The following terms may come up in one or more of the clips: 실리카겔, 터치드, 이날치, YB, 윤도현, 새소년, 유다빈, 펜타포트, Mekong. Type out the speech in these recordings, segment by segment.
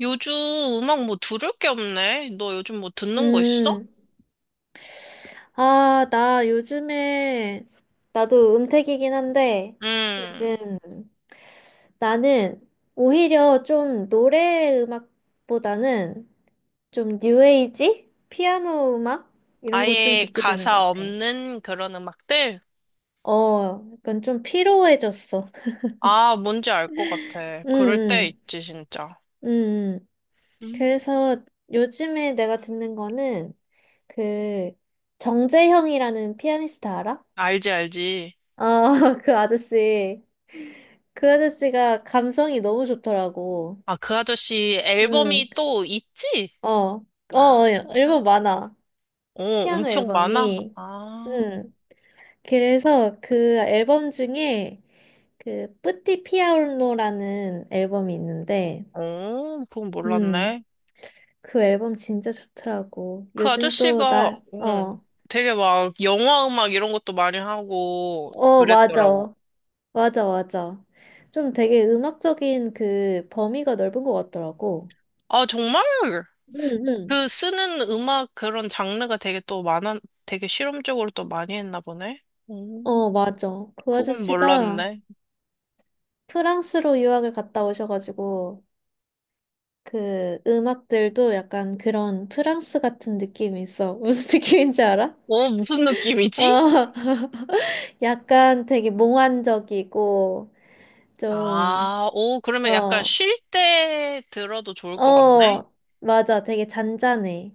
요즘 음악 뭐 들을 게 없네. 너 요즘 뭐 듣는 거 있어? 음, 아, 나 요즘에, 나도 은퇴이긴 한데, 음, 요즘 나는 오히려 좀 노래 음악보다는 좀 뉴에이지? 피아노 음악? 이런 거 좀 아예 듣게 되는 것 가사 같아. 없는 그런 음악들? 어, 약간 좀 피로해졌어. 아, 뭔지 알 것 같아. 응, 그럴 때 응, 있지, 진짜. 응. 응. 음, 그래서 요즘에 내가 듣는 거는 그 정재형이라는 피아니스트 알아? 알지, 알지. 아, 그 아저씨. 그 아저씨가 감성이 너무 좋더라고. 아, 그 아저씨 응, 앨범이 또 있지? 어, 어, 아, 어, 앨범 많아. 어, 피아노 엄청 많아? 앨범이. 아, 응. 그래서 그 앨범 중에 그 뿌띠 피아노라는 앨범이 있는데, 어, 그건 음, 몰랐네. 그 앨범 진짜 좋더라고. 그 요즘 또 나, 아저씨가, 응, 어, 되게 막 영화 음악 이런 것도 많이 하고 어, 그랬더라고. 맞아. 맞아, 맞아. 좀 되게 음악적인 그 범위가 넓은 것 같더라고. 아, 정말? 응, 응. 그 쓰는 음악 그런 장르가 되게 또 많아, 되게 실험적으로 또 많이 했나 보네. 음, 어, 맞아. 그 그건 아저씨가 몰랐네. 프랑스로 유학을 갔다 오셔가지고, 그 음악들도 약간 그런 프랑스 같은 느낌이 있어. 무슨 느낌인지 알아? 어, 무슨 느낌이지? 아, 약간 되게 몽환적이고, 좀, 아, 오, 그러면 약간 어, 쉴 때 들어도 좋을 것 같네. 어, 맞아. 되게 잔잔해.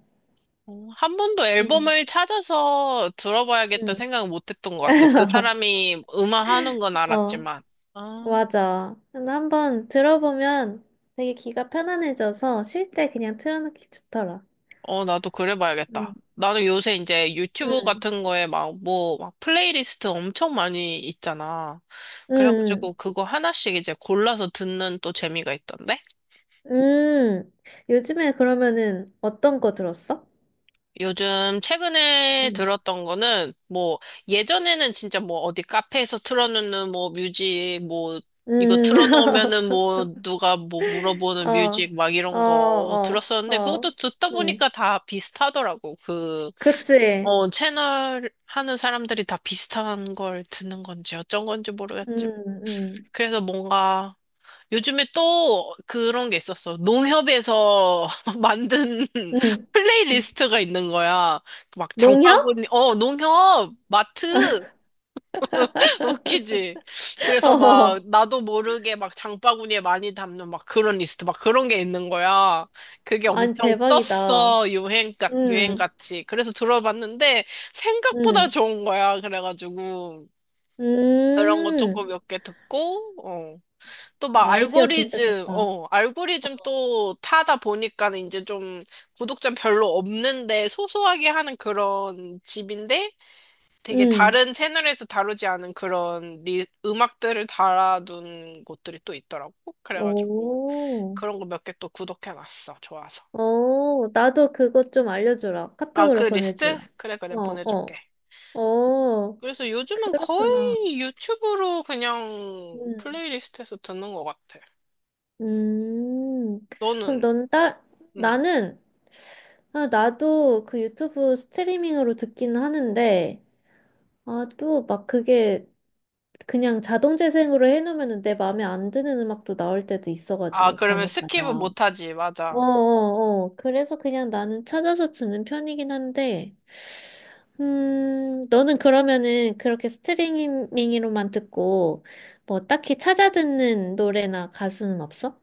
어, 한 번도 응, 앨범을 찾아서 들어봐야겠다 응. 생각은 못 했던 것 같아. 그 사람이 음악 하는 건 어, 알았지만. 아. 맞아. 근데 한번 들어보면 되게 귀가 편안해져서 쉴 때 그냥 틀어놓기 좋더라. 어, 나도 그래 봐야겠다. 응, 나는 요새 이제 유튜브 응. 같은 거에 막 뭐, 막 플레이리스트 엄청 많이 있잖아. 음, 그래가지고 그거 하나씩 이제 골라서 듣는 또 재미가 있던데? 음. 요즘에 그러면은 어떤 거 들었어? 요즘 최근에 음, 들었던 거는 뭐, 예전에는 진짜 뭐 어디 카페에서 틀어놓는 뭐 뮤직 뭐, 이거 음, 틀어놓으면은 뭐 누가 뭐 어, 물어보는 뮤직 막 어, 이런 거 어, 들었었는데 어, 그것도 듣다 음, 보니까 다 비슷하더라고. 그 그치. 어, 채널 하는 사람들이 다 비슷한 걸 듣는 건지 어쩐 건지 음, 모르겠지만. 음, 그래서 뭔가 요즘에 또 그런 게 있었어. 농협에서 만든 음. 플레이리스트가 있는 거야. 막 농협? 장바구니, 어, 농협, 마트. 웃기지? 그래서 막, 어, 나도 모르게 막 장바구니에 많이 담는 막 그런 리스트, 막 그런 게 있는 거야. 그게 아니, 엄청 대박이다. 떴어. 유행같, 음, 유행같이. 그래서 들어봤는데, 생각보다 음, 좋은 거야. 그래가지고. 그런 거 조금 음. 몇 개 듣고, 어. 또 막 아이디어 진짜 알고리즘, 좋다. 어, 알고리즘 또 타다 보니까는 이제 좀 구독자 별로 없는데 소소하게 하는 그런 집인데, 되게 음, 다른 채널에서 다루지 않은 그런 리, 음악들을 달아둔 곳들이 또 있더라고. 그래가지고 오, 그런 거 몇 개 또 구독해놨어. 좋아서. 오, 나도 그거 좀 알려주라. 아, 그 카톡으로 리스트? 보내주라. 그래, 그래, 어, 보내줄게. 어, 어, 그래서 요즘은 그렇구나. 거의 유튜브로 그냥 음. 플레이리스트에서 듣는 것 같아. 음, 그럼 너는? 넌 따, 응. 나는, 아, 나도 그 유튜브 스트리밍으로 듣기는 하는데, 아, 또 막 그게 그냥 자동 재생으로 해놓으면 내 마음에 안 드는 음악도 나올 때도 아, 있어가지고, 그러면 간혹 가다. 스킵은 못하지. 맞아. 어어어. 그래서 그냥 나는 찾아서 듣는 편이긴 한데, 너는 그러면은 그렇게 스트리밍으로만 듣고, 뭐 딱히 찾아 듣는 노래나 가수는 없어?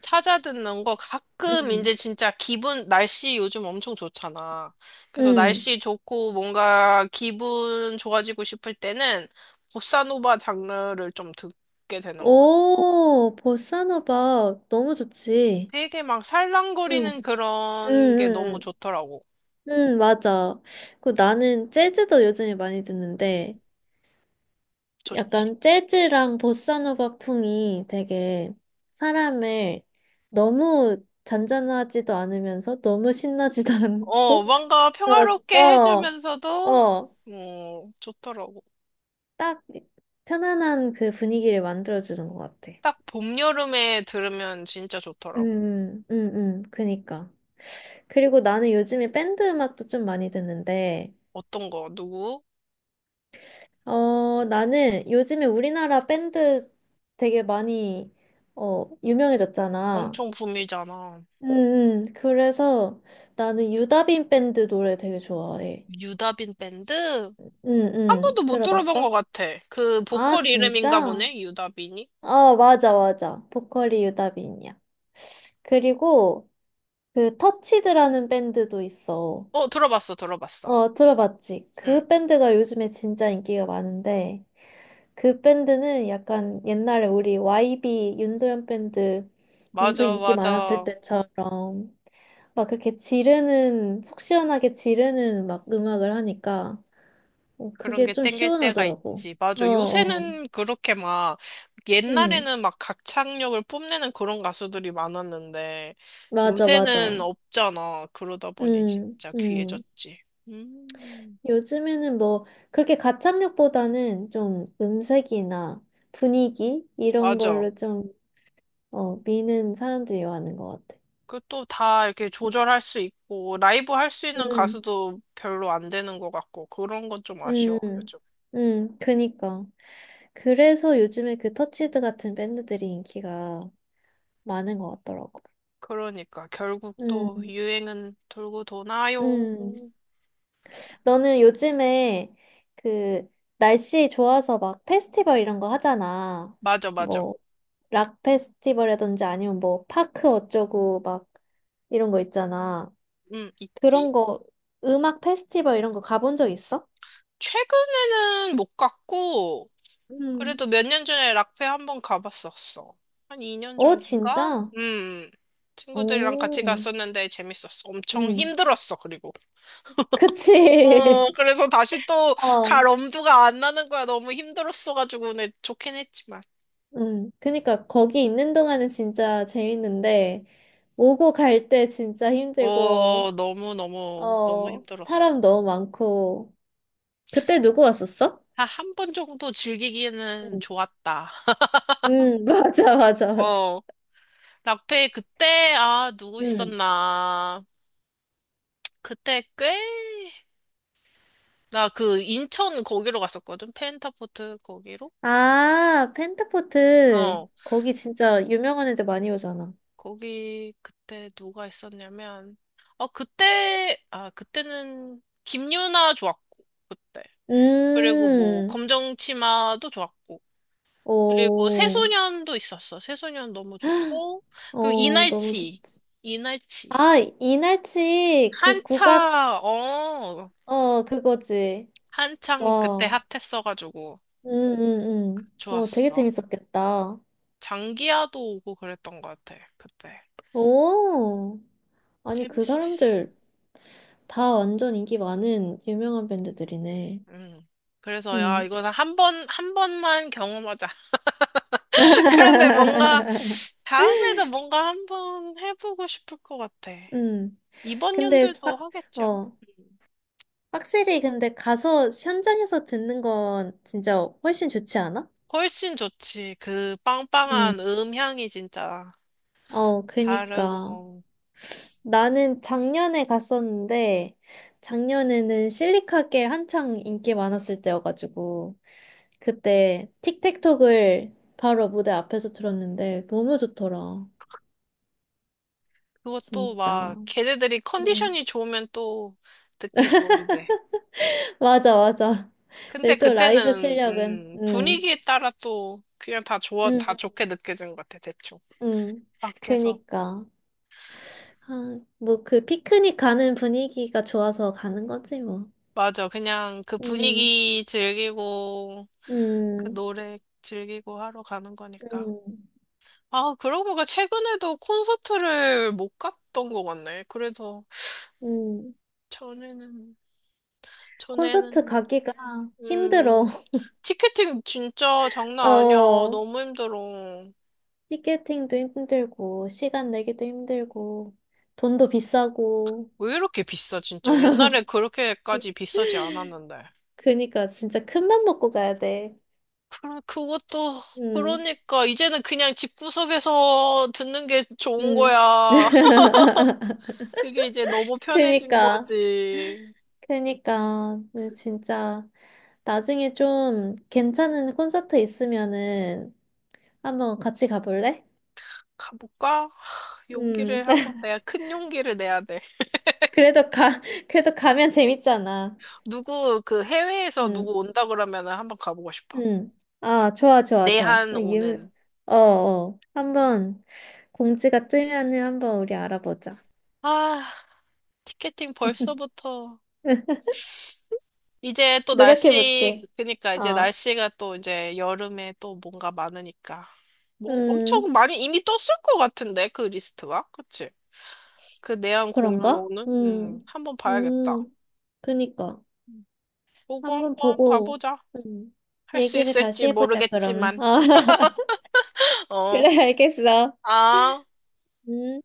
찾아 듣는 거 가끔 응. 이제 진짜 기분, 날씨 요즘 엄청 좋잖아. 그래서 응. 날씨 좋고 뭔가 기분 좋아지고 싶을 때는 보사노바 장르를 좀 듣게 되는 것 같아. 오, 보사노바 너무 좋지. 되게 막 응. 살랑거리는 응, 그런 게 너무 응, 좋더라고. 응, 응, 맞아. 그 나는 재즈도 요즘에 많이 듣는데, 좋지. 약간 재즈랑 보사노바 풍이 되게 사람을 너무 잔잔하지도 않으면서 너무 신나지도 어, 않고, 뭔가 평화롭게 어, 어, 해주면서도, 어, 어, 좋더라고. 딱 편안한 그 분위기를 만들어주는 것 같아. 딱 봄, 여름에 들으면 진짜 응, 좋더라고. 응, 응, 응, 그니까. 그리고 나는 요즘에 밴드 음악도 좀 많이 듣는데, 어떤 거, 누구? 어, 나는 요즘에 우리나라 밴드 되게 많이, 어, 유명해졌잖아. 엄청 붐이잖아. 음, 그래서 나는 유다빈 밴드 노래 되게 좋아해. 유다빈 밴드? 응한 번도 응 못 들어본 것 들어봤어? 같아. 그 아, 보컬 이름인가 진짜? 보네, 유다빈이? 아, 맞아, 맞아. 보컬이 유다빈이야. 그리고 그 터치드라는 밴드도 있어. 어, 들어봤어, 들어봤어. 어, 들어봤지? 응. 그 밴드가 요즘에 진짜 인기가 많은데, 그 밴드는 약간 옛날에 우리 YB 윤도현 밴드 엄청 맞아, 인기 많았을 맞아. 때처럼 막 그렇게 지르는, 속 시원하게 지르는 막 음악을 하니까 어, 그런 그게 게 좀 땡길 때가 시원하더라고. 있지. 어, 맞아. 어. 요새는 그렇게 막, 응. 옛날에는 막 가창력을 뽐내는 그런 가수들이 많았는데, 맞아, 맞아. 요새는 없잖아. 그러다 보니 응, 진짜 응. 귀해졌지. 음, 요즘에는 뭐 그렇게 가창력보다는 좀 음색이나 분위기 이런 맞아. 걸로 좀 어, 미는 사람들이 많은 것 같아. 그 또 다 이렇게 조절할 수 있고, 라이브 할 수 있는 응. 가수도 별로 안 되는 것 같고, 그런 건 좀 아쉬워, 음, 요즘. 그니까. 그래서 요즘에 그 터치드 같은 밴드들이 인기가 많은 것 같더라고. 그러니까 결국 또 음, 유행은 돌고 도나요. 음. 너는 요즘에 그 날씨 좋아서 막 페스티벌 이런 거 하잖아. 맞아, 맞아. 뭐, 락 페스티벌이라든지 아니면 뭐, 파크 어쩌고 막 이런 거 있잖아. 있지. 그런 거, 음악 페스티벌 이런 거 가본 적 있어? 최근에는 못 갔고 음. 그래도 몇 년 전에 락페 한번 가봤었어. 한 2년 어, 전인가? 진짜? 음. 친구들이랑 같이 오, 갔었는데 재밌었어. 엄청 응 힘들었어, 그리고. 그치. 어, 그래서 다시 또 어. 갈 엄두가 안 나는 거야. 너무 힘들었어가지고. 근데 좋긴 했지만. 그니까 거기 있는 동안은 진짜 재밌는데 오고 갈 때 진짜 어, 힘들고 너무너무, 너무 어 힘들었어. 사람 너무 많고 그때 누구 왔었어? 한 한 번 정도 즐기기에는 응, 좋았다. 맞아 맞아 맞아. 어, 라페 그때 누구 응. 있었나? 그때 꽤 나 그 인천 거기로 갔었거든. 펜타포트 거기로. 아, 펜타포트 어, 거기 진짜 유명한 애들 많이 오잖아. 거기 그때 누가 있었냐면 그때는 김유나 좋았고 그때 그리고 뭐 음, 검정치마도 좋았고 그리고 오, 새소년도 있었어. 새소년 너무 좋고 그리고 어 너무 이날치 좋지. 이날치 아, 이날치 그 국악 한차, 어, 어 그거지. 한창 그때 와. 핫했어가지고 응응 응 어, 되게 좋았어. 재밌었겠다. 장기야도 오고 그랬던 것 같아. 그때 오, 아니, 그 재밌었어. 사람들 다 완전 인기 많은 유명한 밴드들이네. 음. 그래서 야 음. 이거는 한 번 한 번만 경험하자. 그런데 뭔가 다음에도 뭔가 한 번 해보고 싶을 것 같아. 음. 이번 근데, 연도에도 하겠지 아마. 어, 음. 확실히 근데 가서 현장에서 듣는 건 진짜 훨씬 좋지 않아? 훨씬 좋지. 그 음. 빵빵한 음향이 진짜 어, 그니까. 다르고 나는 작년에 갔었는데, 작년에는 실리카겔 한창 인기 많았을 때여가지고, 그때 틱택톡을 바로 무대 앞에서 들었는데, 너무 좋더라. 그것도 막 진짜. 걔네들이 음. 컨디션이 좋으면 또 듣기 좋은데. 맞아, 맞아. 근데 근데 또 라이브 그때는 실력은, 분위기에 따라 또 그냥 다 좋아 음, 다 좋게 느껴진 것 같아 대충 음. 밖에서 그니까. 아, 뭐 그 피크닉 가는 분위기가 좋아서 가는 거지, 뭐. 맞아 그냥 그 음, 분위기 즐기고 그 음, 노래 즐기고 하러 가는 거니까 음, 아 그러고 보니까 최근에도 콘서트를 못 갔던 것 같네 그래서 음. 전에는 콘서트 전에는 가기가 음 힘들어. 티켓팅 진짜 장난 아니야 어, 너무 힘들어 티켓팅도 힘들고, 시간 내기도 힘들고, 돈도 비싸고. 왜 이렇게 비싸 진짜 옛날에 그렇게까지 비싸지 않았는데 그니까 진짜 큰 맘 먹고 가야 돼. 그럼 그것도 응, 그러니까 이제는 그냥 집구석에서 듣는 게 좋은 응. 거야. 그게 이제 너무 편해진 그니까, 거지. 그니까, 네, 진짜. 나중에 좀 괜찮은 콘서트 있으면은 한번 같이 가볼래? 가볼까? 음, 용기를 한번 내야 큰 용기를 내야 돼. 그래도 가, 그래도 가면 재밌잖아. 누구 그 해외에서 음. 누구 온다 그러면은 한번 가보고 싶어. 응. 아, 좋아, 좋아, 좋아. 어, 내한 유... 오는. 어, 어. 한번 공지가 뜨면은 한번 우리 알아보자. 아, 티켓팅 벌써부터. 이제 또 노력해 날씨, 볼게. 그니까 이제 어, 날씨가 또 이제 여름에 또 뭔가 많으니까. 뭔 음, 엄청 많이 이미 떴을 것 같은데, 그 리스트가. 그치? 그 내한 공연 그런가? 오는? 한번 봐야겠다. 음, 그니까. 보고 한번 한번 보고, 봐보자. 음, 할 수 얘기를 다시 있을지 해보자, 그러면. 모르겠지만. 어, 어. 그래, 알겠어. 아. 음.